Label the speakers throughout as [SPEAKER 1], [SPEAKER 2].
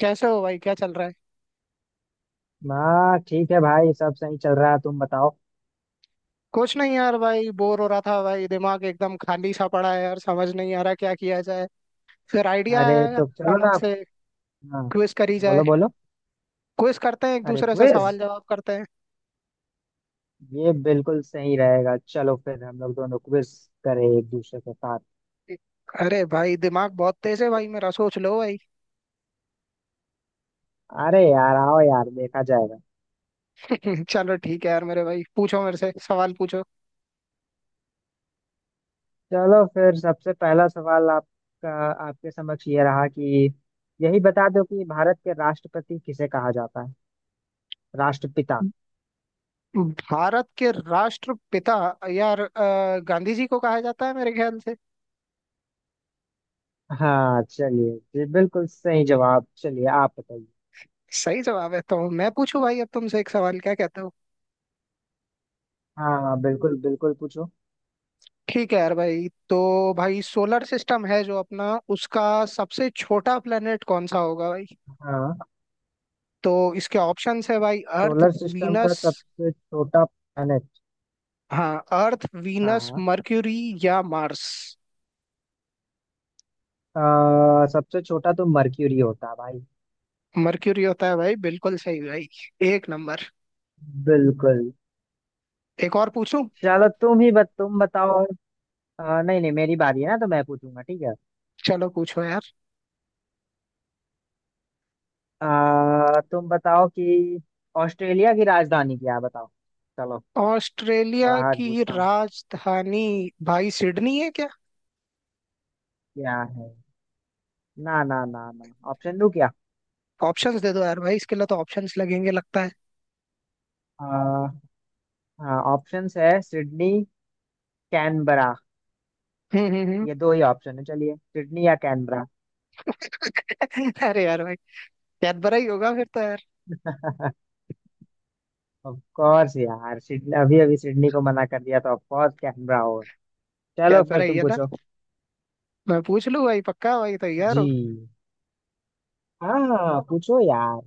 [SPEAKER 1] कैसे हो भाई, क्या चल रहा है।
[SPEAKER 2] हाँ ठीक है भाई। सब सही चल रहा है, तुम बताओ।
[SPEAKER 1] कुछ नहीं यार भाई, बोर हो रहा था भाई। दिमाग एकदम खाली सा पड़ा है यार, समझ नहीं आ रहा क्या किया जाए। फिर आइडिया आया
[SPEAKER 2] अरे
[SPEAKER 1] यार
[SPEAKER 2] तो चलो
[SPEAKER 1] अचानक
[SPEAKER 2] ना आप।
[SPEAKER 1] से।
[SPEAKER 2] हाँ,
[SPEAKER 1] क्विज करी जाए।
[SPEAKER 2] बोलो बोलो।
[SPEAKER 1] क्विज करते हैं, एक
[SPEAKER 2] अरे
[SPEAKER 1] दूसरे से
[SPEAKER 2] क्विज!
[SPEAKER 1] सवाल जवाब करते हैं।
[SPEAKER 2] ये बिल्कुल सही रहेगा, चलो फिर हम लोग दोनों क्विज करें एक दूसरे के साथ।
[SPEAKER 1] अरे भाई, दिमाग बहुत तेज है भाई मेरा, सोच लो भाई।
[SPEAKER 2] अरे यार आओ यार, देखा जाएगा।
[SPEAKER 1] चलो ठीक है यार मेरे भाई, पूछो मेरे से सवाल पूछो।
[SPEAKER 2] चलो फिर सबसे पहला सवाल आपका आपके समक्ष ये रहा कि यही बता दो कि भारत के राष्ट्रपति किसे कहा जाता है। राष्ट्रपिता।
[SPEAKER 1] भारत के राष्ट्रपिता। यार गांधी जी को कहा जाता है मेरे ख्याल से।
[SPEAKER 2] हाँ चलिए जी, बिल्कुल सही जवाब। चलिए आप बताइए।
[SPEAKER 1] सही जवाब है। तो मैं पूछूं भाई अब तुमसे एक सवाल, क्या कहते हो।
[SPEAKER 2] हाँ बिल्कुल बिल्कुल, पूछो।
[SPEAKER 1] ठीक है यार भाई। तो भाई सोलर सिस्टम है जो अपना उसका सबसे छोटा प्लेनेट कौन सा होगा भाई।
[SPEAKER 2] हाँ।
[SPEAKER 1] तो इसके ऑप्शंस है भाई, अर्थ,
[SPEAKER 2] सोलर सिस्टम का
[SPEAKER 1] वीनस।
[SPEAKER 2] सबसे छोटा प्लैनेट।
[SPEAKER 1] हाँ, अर्थ, वीनस,
[SPEAKER 2] हाँ।
[SPEAKER 1] मर्क्यूरी या मार्स।
[SPEAKER 2] हाँ, सबसे छोटा तो मरक्यूरी होता है भाई।
[SPEAKER 1] मर्क्यूरी होता है भाई, बिल्कुल सही भाई। एक नंबर।
[SPEAKER 2] बिल्कुल।
[SPEAKER 1] एक और पूछूं।
[SPEAKER 2] चलो तुम ही तुम बताओ। नहीं नहीं, मेरी बारी है ना तो मैं पूछूंगा, ठीक है।
[SPEAKER 1] चलो पूछो यार।
[SPEAKER 2] तुम बताओ कि ऑस्ट्रेलिया की राजधानी क्या है, बताओ। चलो, थोड़ा
[SPEAKER 1] ऑस्ट्रेलिया
[SPEAKER 2] हार्ड
[SPEAKER 1] की
[SPEAKER 2] पूछता हूँ।
[SPEAKER 1] राजधानी। भाई सिडनी है क्या।
[SPEAKER 2] क्या है? ना ना ना ना, ऑप्शन दो क्या।
[SPEAKER 1] ऑप्शंस दे दो यार भाई, इसके लिए तो ऑप्शंस लगेंगे लगता है।
[SPEAKER 2] ऑप्शंस है सिडनी, कैनबरा।
[SPEAKER 1] हम्म, हम्म।
[SPEAKER 2] ये दो ही ऑप्शन है, चलिए सिडनी या कैनबरा।
[SPEAKER 1] हम्म। अरे यार भाई, कैडबरा ही होगा फिर तो।
[SPEAKER 2] ऑफ कोर्स यार, सिडनी अभी अभी सिडनी को मना कर दिया तो ऑफ कोर्स कैनबरा होगा।
[SPEAKER 1] क्या
[SPEAKER 2] चलो फिर तुम
[SPEAKER 1] भराइया था।
[SPEAKER 2] पूछो।
[SPEAKER 1] मैं पूछ लूँ भाई, पक्का भाई तैयार हो।
[SPEAKER 2] जी। हाँ पूछो यार।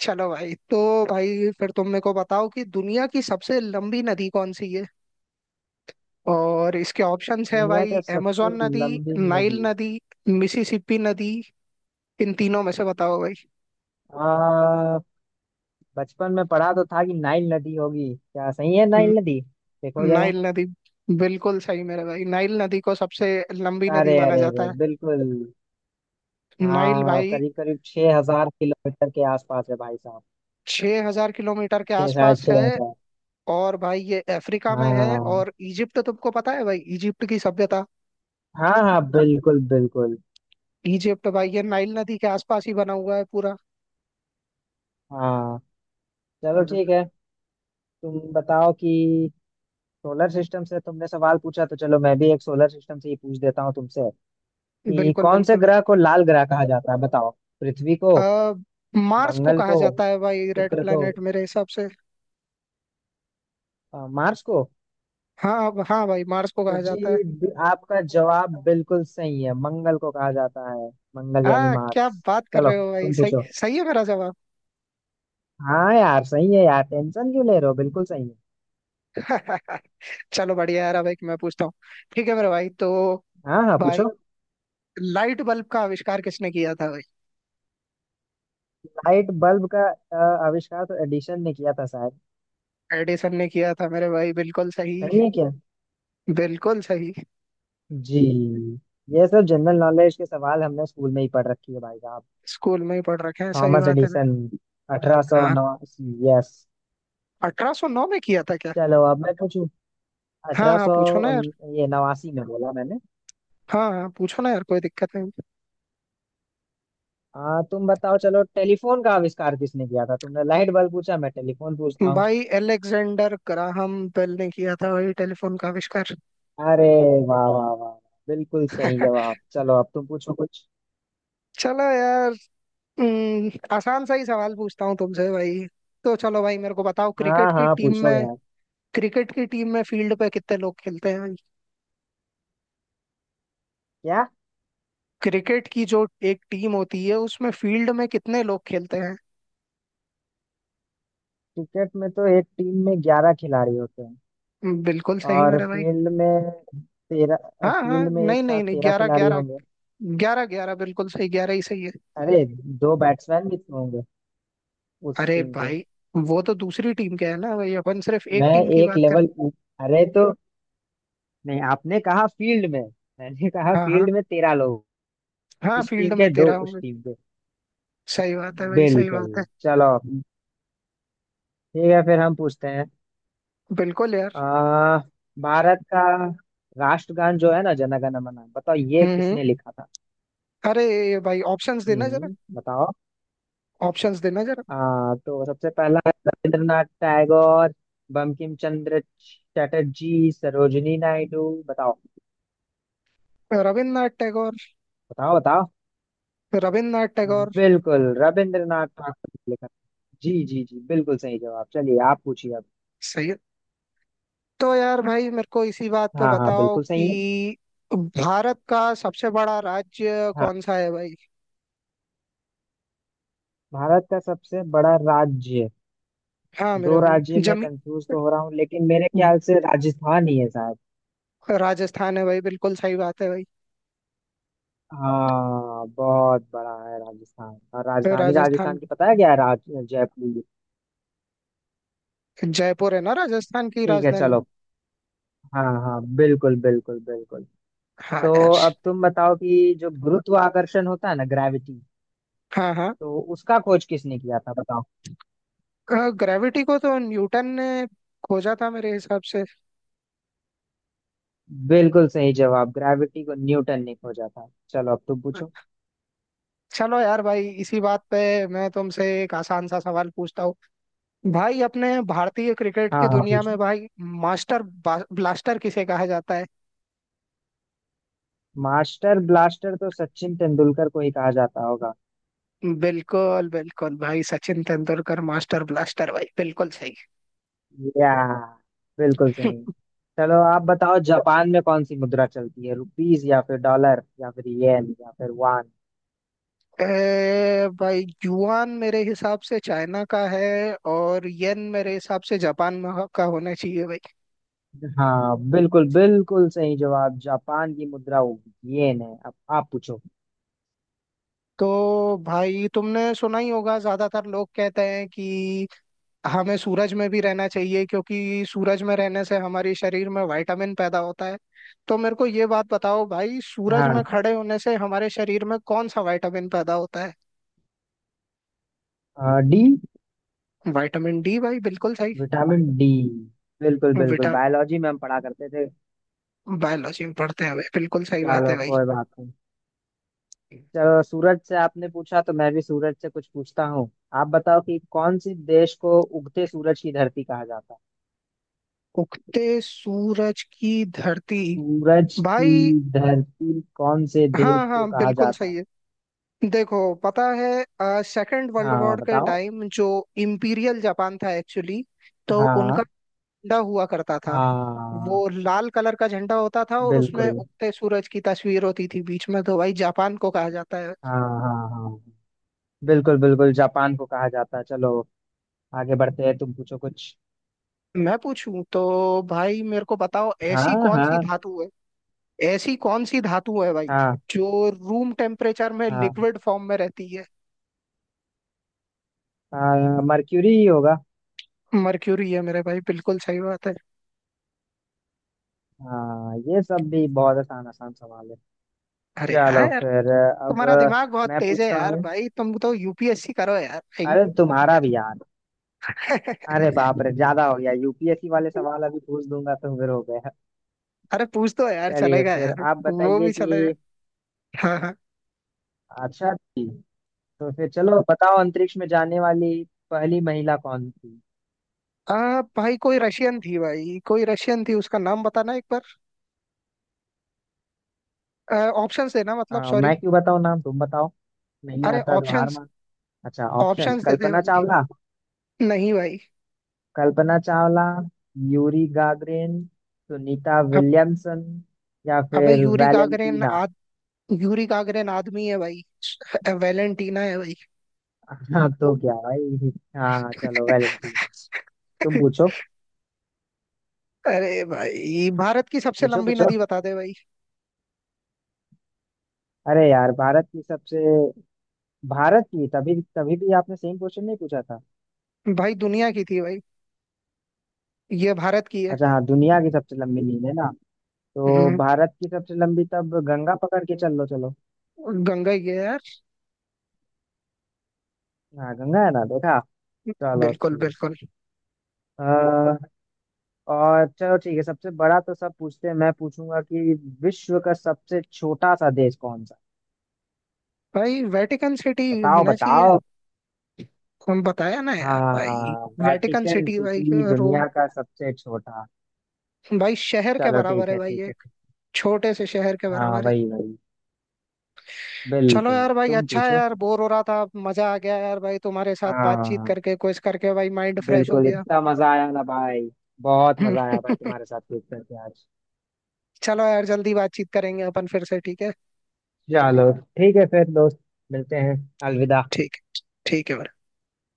[SPEAKER 1] चलो भाई। तो भाई फिर तुम मेरे को बताओ कि दुनिया की सबसे लंबी नदी कौन सी है। और इसके ऑप्शंस है
[SPEAKER 2] दुनिया
[SPEAKER 1] भाई,
[SPEAKER 2] का सबसे
[SPEAKER 1] amazon नदी,
[SPEAKER 2] लंबी
[SPEAKER 1] नाइल
[SPEAKER 2] नदी।
[SPEAKER 1] नदी, मिसिसिपी नदी। इन तीनों में से बताओ भाई।
[SPEAKER 2] आ, बचपन में पढ़ा तो था कि नाइल नदी होगी, क्या सही है
[SPEAKER 1] न-
[SPEAKER 2] नाइल नदी? देखो जरा।
[SPEAKER 1] नाइल नदी। बिल्कुल सही मेरे भाई, नाइल नदी को सबसे लंबी नदी
[SPEAKER 2] अरे
[SPEAKER 1] माना
[SPEAKER 2] अरे
[SPEAKER 1] जाता
[SPEAKER 2] अरे,
[SPEAKER 1] है।
[SPEAKER 2] बिल्कुल।
[SPEAKER 1] नाइल
[SPEAKER 2] हाँ,
[SPEAKER 1] भाई।
[SPEAKER 2] करीब करीब 6 हजार किलोमीटर के आसपास है भाई साहब।
[SPEAKER 1] 6,000 किलोमीटर के
[SPEAKER 2] छह, साढ़े
[SPEAKER 1] आसपास
[SPEAKER 2] छह
[SPEAKER 1] है।
[SPEAKER 2] हजार
[SPEAKER 1] और भाई ये अफ्रीका में है
[SPEAKER 2] हाँ
[SPEAKER 1] और इजिप्ट, तुमको पता है भाई इजिप्ट की सभ्यता।
[SPEAKER 2] हाँ हाँ, बिल्कुल बिल्कुल।
[SPEAKER 1] इजिप्ट भाई ये नाइल नदी के आसपास ही बना हुआ है पूरा।
[SPEAKER 2] हाँ चलो ठीक है। तुम बताओ कि सोलर सिस्टम से तुमने सवाल पूछा तो चलो मैं भी एक सोलर सिस्टम से ही पूछ देता हूँ तुमसे कि
[SPEAKER 1] बिल्कुल,
[SPEAKER 2] कौन से
[SPEAKER 1] बिल्कुल।
[SPEAKER 2] ग्रह को लाल ग्रह कहा जाता है, बताओ। पृथ्वी को?
[SPEAKER 1] आ, मार्स को
[SPEAKER 2] मंगल
[SPEAKER 1] कहा
[SPEAKER 2] को?
[SPEAKER 1] जाता है भाई, रेड
[SPEAKER 2] शुक्र को?
[SPEAKER 1] प्लेनेट मेरे हिसाब से।
[SPEAKER 2] मार्स को?
[SPEAKER 1] हाँ हाँ भाई, मार्स को
[SPEAKER 2] तो
[SPEAKER 1] कहा जाता है।
[SPEAKER 2] जी आपका जवाब बिल्कुल सही है, मंगल को कहा जाता है। मंगल यानी
[SPEAKER 1] हाँ, क्या
[SPEAKER 2] मार्स।
[SPEAKER 1] बात कर
[SPEAKER 2] चलो
[SPEAKER 1] रहे हो भाई,
[SPEAKER 2] तुम
[SPEAKER 1] सही।
[SPEAKER 2] पूछो।
[SPEAKER 1] सही है मेरा जवाब।
[SPEAKER 2] हाँ यार सही है यार, टेंशन क्यों ले रहे हो, बिल्कुल सही है।
[SPEAKER 1] चलो बढ़िया यार, अब एक मैं पूछता हूँ। ठीक है मेरे भाई। तो
[SPEAKER 2] हाँ हाँ
[SPEAKER 1] भाई
[SPEAKER 2] पूछो।
[SPEAKER 1] लाइट बल्ब का आविष्कार किसने किया था भाई।
[SPEAKER 2] लाइट बल्ब का आविष्कार तो एडिशन ने किया था शायद।
[SPEAKER 1] एडिसन ने किया था मेरे भाई, बिल्कुल सही।
[SPEAKER 2] सही है क्या?
[SPEAKER 1] बिल्कुल सही।
[SPEAKER 2] जी। ये सब जनरल नॉलेज के सवाल हमने स्कूल में ही पढ़ रखी है भाई साहब।
[SPEAKER 1] स्कूल में ही पढ़ रखे हैं, सही
[SPEAKER 2] थॉमस
[SPEAKER 1] बात है ना।
[SPEAKER 2] एडिसन। अठारह सौ
[SPEAKER 1] हाँ,
[SPEAKER 2] नवासी यस।
[SPEAKER 1] 1809 में किया था क्या।
[SPEAKER 2] चलो अब मैं पूछूं।
[SPEAKER 1] हाँ,
[SPEAKER 2] अठारह
[SPEAKER 1] हाँ,
[SPEAKER 2] सौ
[SPEAKER 1] पूछो ना यार।
[SPEAKER 2] ये नवासी में बोला मैंने।
[SPEAKER 1] हाँ, हाँ, पूछो ना यार, कोई दिक्कत नहीं।
[SPEAKER 2] तुम बताओ, चलो टेलीफोन का आविष्कार किसने किया था, तुमने लाइट बल्ब पूछा, मैं टेलीफोन पूछता हूँ।
[SPEAKER 1] भाई एलेक्जेंडर ग्राहम बेल ने किया था भाई टेलीफोन का आविष्कार।
[SPEAKER 2] अरे वाह वाह वाह, बिल्कुल सही जवाब। चलो अब तुम पूछो कुछ।
[SPEAKER 1] चलो यार। हम्म, आसान सा ही सवाल पूछता हूँ तुमसे भाई। तो चलो भाई मेरे को बताओ, क्रिकेट
[SPEAKER 2] हाँ
[SPEAKER 1] की
[SPEAKER 2] हाँ
[SPEAKER 1] टीम
[SPEAKER 2] पूछो
[SPEAKER 1] में
[SPEAKER 2] यार।
[SPEAKER 1] क्रिकेट की टीम में फील्ड पे कितने लोग खेलते हैं भाई।
[SPEAKER 2] क्या?
[SPEAKER 1] क्रिकेट की जो एक टीम होती है उसमें फील्ड में कितने लोग खेलते हैं।
[SPEAKER 2] क्रिकेट में तो एक टीम में 11 खिलाड़ी होते हैं।
[SPEAKER 1] बिल्कुल सही
[SPEAKER 2] और
[SPEAKER 1] मेरे भाई।
[SPEAKER 2] फील्ड में 13,
[SPEAKER 1] हाँ, हाँ,
[SPEAKER 2] फील्ड में एक
[SPEAKER 1] नहीं, नहीं,
[SPEAKER 2] साथ
[SPEAKER 1] नहीं,
[SPEAKER 2] 13
[SPEAKER 1] 11,
[SPEAKER 2] खिलाड़ी
[SPEAKER 1] 11।
[SPEAKER 2] होंगे।
[SPEAKER 1] 11, 11 बिल्कुल सही, 11 ही सही है।
[SPEAKER 2] अरे, दो बैट्समैन भी तो होंगे उस
[SPEAKER 1] अरे
[SPEAKER 2] टीम के।
[SPEAKER 1] भाई, वो तो दूसरी टीम के है ना भाई, अपन सिर्फ एक
[SPEAKER 2] मैं
[SPEAKER 1] टीम की
[SPEAKER 2] एक
[SPEAKER 1] बात।
[SPEAKER 2] लेवल अरे तो नहीं, आपने कहा फील्ड में, मैंने कहा
[SPEAKER 1] हाँ, हाँ,
[SPEAKER 2] फील्ड में तेरह लोग,
[SPEAKER 1] हाँ,
[SPEAKER 2] इस टीम
[SPEAKER 1] फील्ड में
[SPEAKER 2] के दो
[SPEAKER 1] तेरा
[SPEAKER 2] उस
[SPEAKER 1] हूँ।
[SPEAKER 2] टीम के।
[SPEAKER 1] सही बात है भाई, सही
[SPEAKER 2] बिल्कुल।
[SPEAKER 1] बात है।
[SPEAKER 2] चलो ठीक है, फिर हम पूछते हैं।
[SPEAKER 1] बिल्कुल यार।
[SPEAKER 2] आ, भारत का राष्ट्रगान जो है ना, जनगण मन, बताओ ये
[SPEAKER 1] हम्म, हम्म।
[SPEAKER 2] किसने लिखा था।
[SPEAKER 1] अरे भाई, ऑप्शंस देना जरा।
[SPEAKER 2] हम्म, बताओ।
[SPEAKER 1] ऑप्शंस देना जरा।
[SPEAKER 2] हाँ, तो सबसे पहला है रविंद्रनाथ टैगोर, बंकिम चंद्र चटर्जी, सरोजिनी नायडू, बताओ
[SPEAKER 1] रविन्द्रनाथ टैगोर।
[SPEAKER 2] बताओ बताओ।
[SPEAKER 1] रविन्द्रनाथ टैगोर।
[SPEAKER 2] बिल्कुल रविंद्रनाथ ठाकुर ने लिखा। जी जी जी, बिल्कुल सही जवाब। चलिए आप पूछिए अब।
[SPEAKER 1] सही है। तो यार भाई मेरे को इसी बात पे
[SPEAKER 2] हाँ हाँ,
[SPEAKER 1] बताओ
[SPEAKER 2] बिल्कुल सही है।
[SPEAKER 1] कि भारत का सबसे बड़ा राज्य
[SPEAKER 2] हाँ।
[SPEAKER 1] कौन सा है भाई।
[SPEAKER 2] भारत का सबसे बड़ा राज्य।
[SPEAKER 1] हाँ मेरे
[SPEAKER 2] दो राज्य
[SPEAKER 1] भाई
[SPEAKER 2] में
[SPEAKER 1] जमी।
[SPEAKER 2] कंफ्यूज तो हो रहा हूँ लेकिन मेरे ख्याल से राजस्थान ही है शायद।
[SPEAKER 1] राजस्थान है भाई, बिल्कुल सही बात है भाई।
[SPEAKER 2] हाँ, बहुत बड़ा है राजस्थान। और राजधानी
[SPEAKER 1] राजस्थान।
[SPEAKER 2] राजस्थान की पता है क्या है, राज जयपुर।
[SPEAKER 1] जयपुर है ना राजस्थान की
[SPEAKER 2] ठीक है
[SPEAKER 1] राजधानी।
[SPEAKER 2] चलो। हाँ हाँ बिल्कुल बिल्कुल बिल्कुल।
[SPEAKER 1] हाँ
[SPEAKER 2] तो
[SPEAKER 1] यार।
[SPEAKER 2] अब तुम बताओ कि जो गुरुत्वाकर्षण होता है ना, ग्रेविटी,
[SPEAKER 1] हाँ, हाँ।
[SPEAKER 2] तो उसका खोज किसने किया था, बताओ।
[SPEAKER 1] ग्रेविटी को तो न्यूटन ने खोजा था मेरे हिसाब से।
[SPEAKER 2] बिल्कुल सही जवाब, ग्रेविटी को न्यूटन ने खोजा था। चलो अब तुम पूछो।
[SPEAKER 1] चलो यार भाई, इसी बात पे मैं तुमसे एक आसान सा सवाल पूछता हूँ। भाई अपने भारतीय क्रिकेट की
[SPEAKER 2] हाँ हाँ
[SPEAKER 1] दुनिया में
[SPEAKER 2] पूछो।
[SPEAKER 1] भाई, मास्टर ब्लास्टर किसे कहा जाता है।
[SPEAKER 2] मास्टर ब्लास्टर तो सचिन तेंदुलकर को ही कहा जाता होगा।
[SPEAKER 1] बिल्कुल, बिल्कुल भाई, सचिन तेंदुलकर मास्टर ब्लास्टर भाई, बिल्कुल सही।
[SPEAKER 2] या। बिल्कुल सही। चलो आप बताओ, जापान में कौन सी मुद्रा चलती है, रुपीज या फिर डॉलर या फिर येन या फिर वान।
[SPEAKER 1] भाई युआन मेरे हिसाब से चाइना का है। और येन मेरे हिसाब से जापान में का होना चाहिए भाई।
[SPEAKER 2] हाँ बिल्कुल बिल्कुल सही जवाब। जापान की मुद्रा होगी येन है। अब आप पूछो।
[SPEAKER 1] तो भाई तुमने सुना ही होगा, ज्यादातर लोग कहते हैं कि हमें सूरज में भी रहना चाहिए, क्योंकि सूरज में रहने से हमारे शरीर में विटामिन पैदा होता है। तो मेरे को ये बात बताओ भाई, सूरज में
[SPEAKER 2] हाँ।
[SPEAKER 1] खड़े होने से हमारे शरीर में कौन सा विटामिन पैदा होता है।
[SPEAKER 2] डी।
[SPEAKER 1] विटामिन डी भाई, बिल्कुल सही।
[SPEAKER 2] विटामिन डी, बिल्कुल बिल्कुल,
[SPEAKER 1] विटा
[SPEAKER 2] बायोलॉजी में हम पढ़ा करते थे।
[SPEAKER 1] बायोलॉजी में पढ़ते हैं भाई, बिल्कुल सही बात
[SPEAKER 2] चलो
[SPEAKER 1] है भाई।
[SPEAKER 2] कोई बात नहीं। चलो सूरज से आपने पूछा तो मैं भी सूरज से कुछ पूछता हूँ। आप बताओ कि कौन से देश को उगते सूरज की धरती कहा जाता है।
[SPEAKER 1] उगते सूरज की धरती।
[SPEAKER 2] सूरज
[SPEAKER 1] भाई।
[SPEAKER 2] की धरती कौन से देश
[SPEAKER 1] हाँ,
[SPEAKER 2] को
[SPEAKER 1] हाँ,
[SPEAKER 2] कहा
[SPEAKER 1] बिल्कुल
[SPEAKER 2] जाता
[SPEAKER 1] सही
[SPEAKER 2] है।
[SPEAKER 1] है। देखो, पता है सेकंड वर्ल्ड
[SPEAKER 2] हाँ
[SPEAKER 1] वॉर के
[SPEAKER 2] बताओ।
[SPEAKER 1] टाइम जो इम्पीरियल जापान था एक्चुअली, तो
[SPEAKER 2] हाँ
[SPEAKER 1] उनका झंडा हुआ करता था।
[SPEAKER 2] हाँ
[SPEAKER 1] वो लाल कलर का झंडा होता था और उसमें
[SPEAKER 2] बिल्कुल।
[SPEAKER 1] उगते सूरज की तस्वीर होती थी बीच में, तो भाई जापान को कहा जाता है।
[SPEAKER 2] हाँ हाँ हाँ, बिल्कुल बिल्कुल, जापान को कहा जाता है। चलो आगे बढ़ते हैं, तुम पूछो कुछ।
[SPEAKER 1] मैं पूछूं तो। भाई मेरे को बताओ ऐसी
[SPEAKER 2] हाँ
[SPEAKER 1] कौन सी
[SPEAKER 2] हाँ।
[SPEAKER 1] धातु है। ऐसी कौन सी धातु है भाई
[SPEAKER 2] हाँ
[SPEAKER 1] जो रूम टेम्परेचर में लिक्विड फॉर्म में रहती है।
[SPEAKER 2] हाँ मर्क्यूरी ही होगा।
[SPEAKER 1] मर्क्यूरी है मेरे भाई, बिल्कुल सही बात है।
[SPEAKER 2] हाँ, ये सब भी बहुत आसान आसान सवाल है।
[SPEAKER 1] अरे
[SPEAKER 2] चलो
[SPEAKER 1] हाँ।
[SPEAKER 2] फिर अब
[SPEAKER 1] तुम्हारा दिमाग बहुत
[SPEAKER 2] मैं
[SPEAKER 1] तेज है
[SPEAKER 2] पूछता
[SPEAKER 1] यार
[SPEAKER 2] हूँ।
[SPEAKER 1] भाई, तुम तो यूपीएससी करो यार भाई।
[SPEAKER 2] अरे तुम्हारा भी यार। अरे बाप रे, ज्यादा हो गया, यूपीएससी वाले सवाल अभी पूछ दूंगा तो फिर हो गया।
[SPEAKER 1] अरे पूछ तो यार,
[SPEAKER 2] चलिए
[SPEAKER 1] चलेगा
[SPEAKER 2] फिर
[SPEAKER 1] यार।
[SPEAKER 2] आप
[SPEAKER 1] वो
[SPEAKER 2] बताइए
[SPEAKER 1] भी चलेगा।
[SPEAKER 2] कि
[SPEAKER 1] हाँ, हाँ।
[SPEAKER 2] अच्छा जी, तो फिर चलो बताओ अंतरिक्ष में जाने वाली पहली महिला कौन थी।
[SPEAKER 1] भाई कोई रशियन थी भाई, कोई रशियन थी, उसका नाम बताना एक बार। ऑप्शंस देना, मतलब,
[SPEAKER 2] हाँ
[SPEAKER 1] सॉरी।
[SPEAKER 2] मैं क्यों बताऊँ नाम, तुम बताओ, नहीं
[SPEAKER 1] अरे
[SPEAKER 2] आता तो हार
[SPEAKER 1] ऑप्शंस।
[SPEAKER 2] मान। अच्छा ऑप्शन,
[SPEAKER 1] ऑप्शंस दे दे
[SPEAKER 2] कल्पना
[SPEAKER 1] भाई।
[SPEAKER 2] चावला,
[SPEAKER 1] नहीं भाई।
[SPEAKER 2] कल्पना चावला, यूरी गागरिन, सुनीता
[SPEAKER 1] अब
[SPEAKER 2] विलियमसन, या
[SPEAKER 1] अबे
[SPEAKER 2] फिर वैलेंटीना।
[SPEAKER 1] यूरी गागरिन आदमी है भाई। वेलेंटीना है भाई।
[SPEAKER 2] हाँ तो क्या भाई, हाँ चलो वैलेंटीना। तुम पूछो।
[SPEAKER 1] अरे भाई, भारत की सबसे
[SPEAKER 2] पूछो
[SPEAKER 1] लंबी
[SPEAKER 2] पूछो।
[SPEAKER 1] नदी बता दे भाई।
[SPEAKER 2] अरे यार भारत की सबसे, भारत की तभी तभी भी आपने सेम क्वेश्चन नहीं पूछा था।
[SPEAKER 1] भाई दुनिया की थी भाई। ये भारत की है।
[SPEAKER 2] अच्छा हाँ, दुनिया की सबसे लंबी नील है ना, तो
[SPEAKER 1] हम्म,
[SPEAKER 2] भारत की सबसे लंबी तब गंगा पकड़ के चल लो चलो।
[SPEAKER 1] गंगा ही है यार।
[SPEAKER 2] हाँ गंगा है ना, देखा। चलो
[SPEAKER 1] बिल्कुल,
[SPEAKER 2] ठीक।
[SPEAKER 1] बिल्कुल।
[SPEAKER 2] अ, और चलो ठीक है, सबसे बड़ा तो सब पूछते हैं, मैं पूछूंगा कि विश्व का सबसे छोटा सा देश कौन सा।
[SPEAKER 1] भाई वेटिकन सिटी
[SPEAKER 2] बताओ
[SPEAKER 1] होना चाहिए।
[SPEAKER 2] बताओ।
[SPEAKER 1] हम बताया ना यार भाई।
[SPEAKER 2] हाँ,
[SPEAKER 1] वेटिकन
[SPEAKER 2] वेटिकन
[SPEAKER 1] सिटी भाई।
[SPEAKER 2] City
[SPEAKER 1] Rome.
[SPEAKER 2] दुनिया का सबसे छोटा।
[SPEAKER 1] भाई शहर के
[SPEAKER 2] चलो
[SPEAKER 1] बराबर
[SPEAKER 2] ठीक
[SPEAKER 1] है
[SPEAKER 2] है
[SPEAKER 1] भाई,
[SPEAKER 2] ठीक है
[SPEAKER 1] एक
[SPEAKER 2] ठीक।
[SPEAKER 1] छोटे से शहर के
[SPEAKER 2] हाँ
[SPEAKER 1] बराबर है।
[SPEAKER 2] वही वही,
[SPEAKER 1] चलो
[SPEAKER 2] बिल्कुल।
[SPEAKER 1] यार भाई,
[SPEAKER 2] तुम
[SPEAKER 1] अच्छा है
[SPEAKER 2] पूछो।
[SPEAKER 1] यार, बोर हो रहा था, मजा आ गया यार भाई तुम्हारे साथ बातचीत
[SPEAKER 2] हाँ
[SPEAKER 1] करके, कुछ करके भाई माइंड फ्रेश हो
[SPEAKER 2] बिल्कुल,
[SPEAKER 1] गया।
[SPEAKER 2] इतना मजा आया ना भाई, बहुत मजा आया भाई तुम्हारे साथ क्विज करके आज।
[SPEAKER 1] चलो यार, जल्दी बातचीत करेंगे अपन फिर से, ठीक है।
[SPEAKER 2] चलो ठीक है फिर दोस्त, मिलते हैं, अलविदा।
[SPEAKER 1] ठीक है। ठीक है भाई।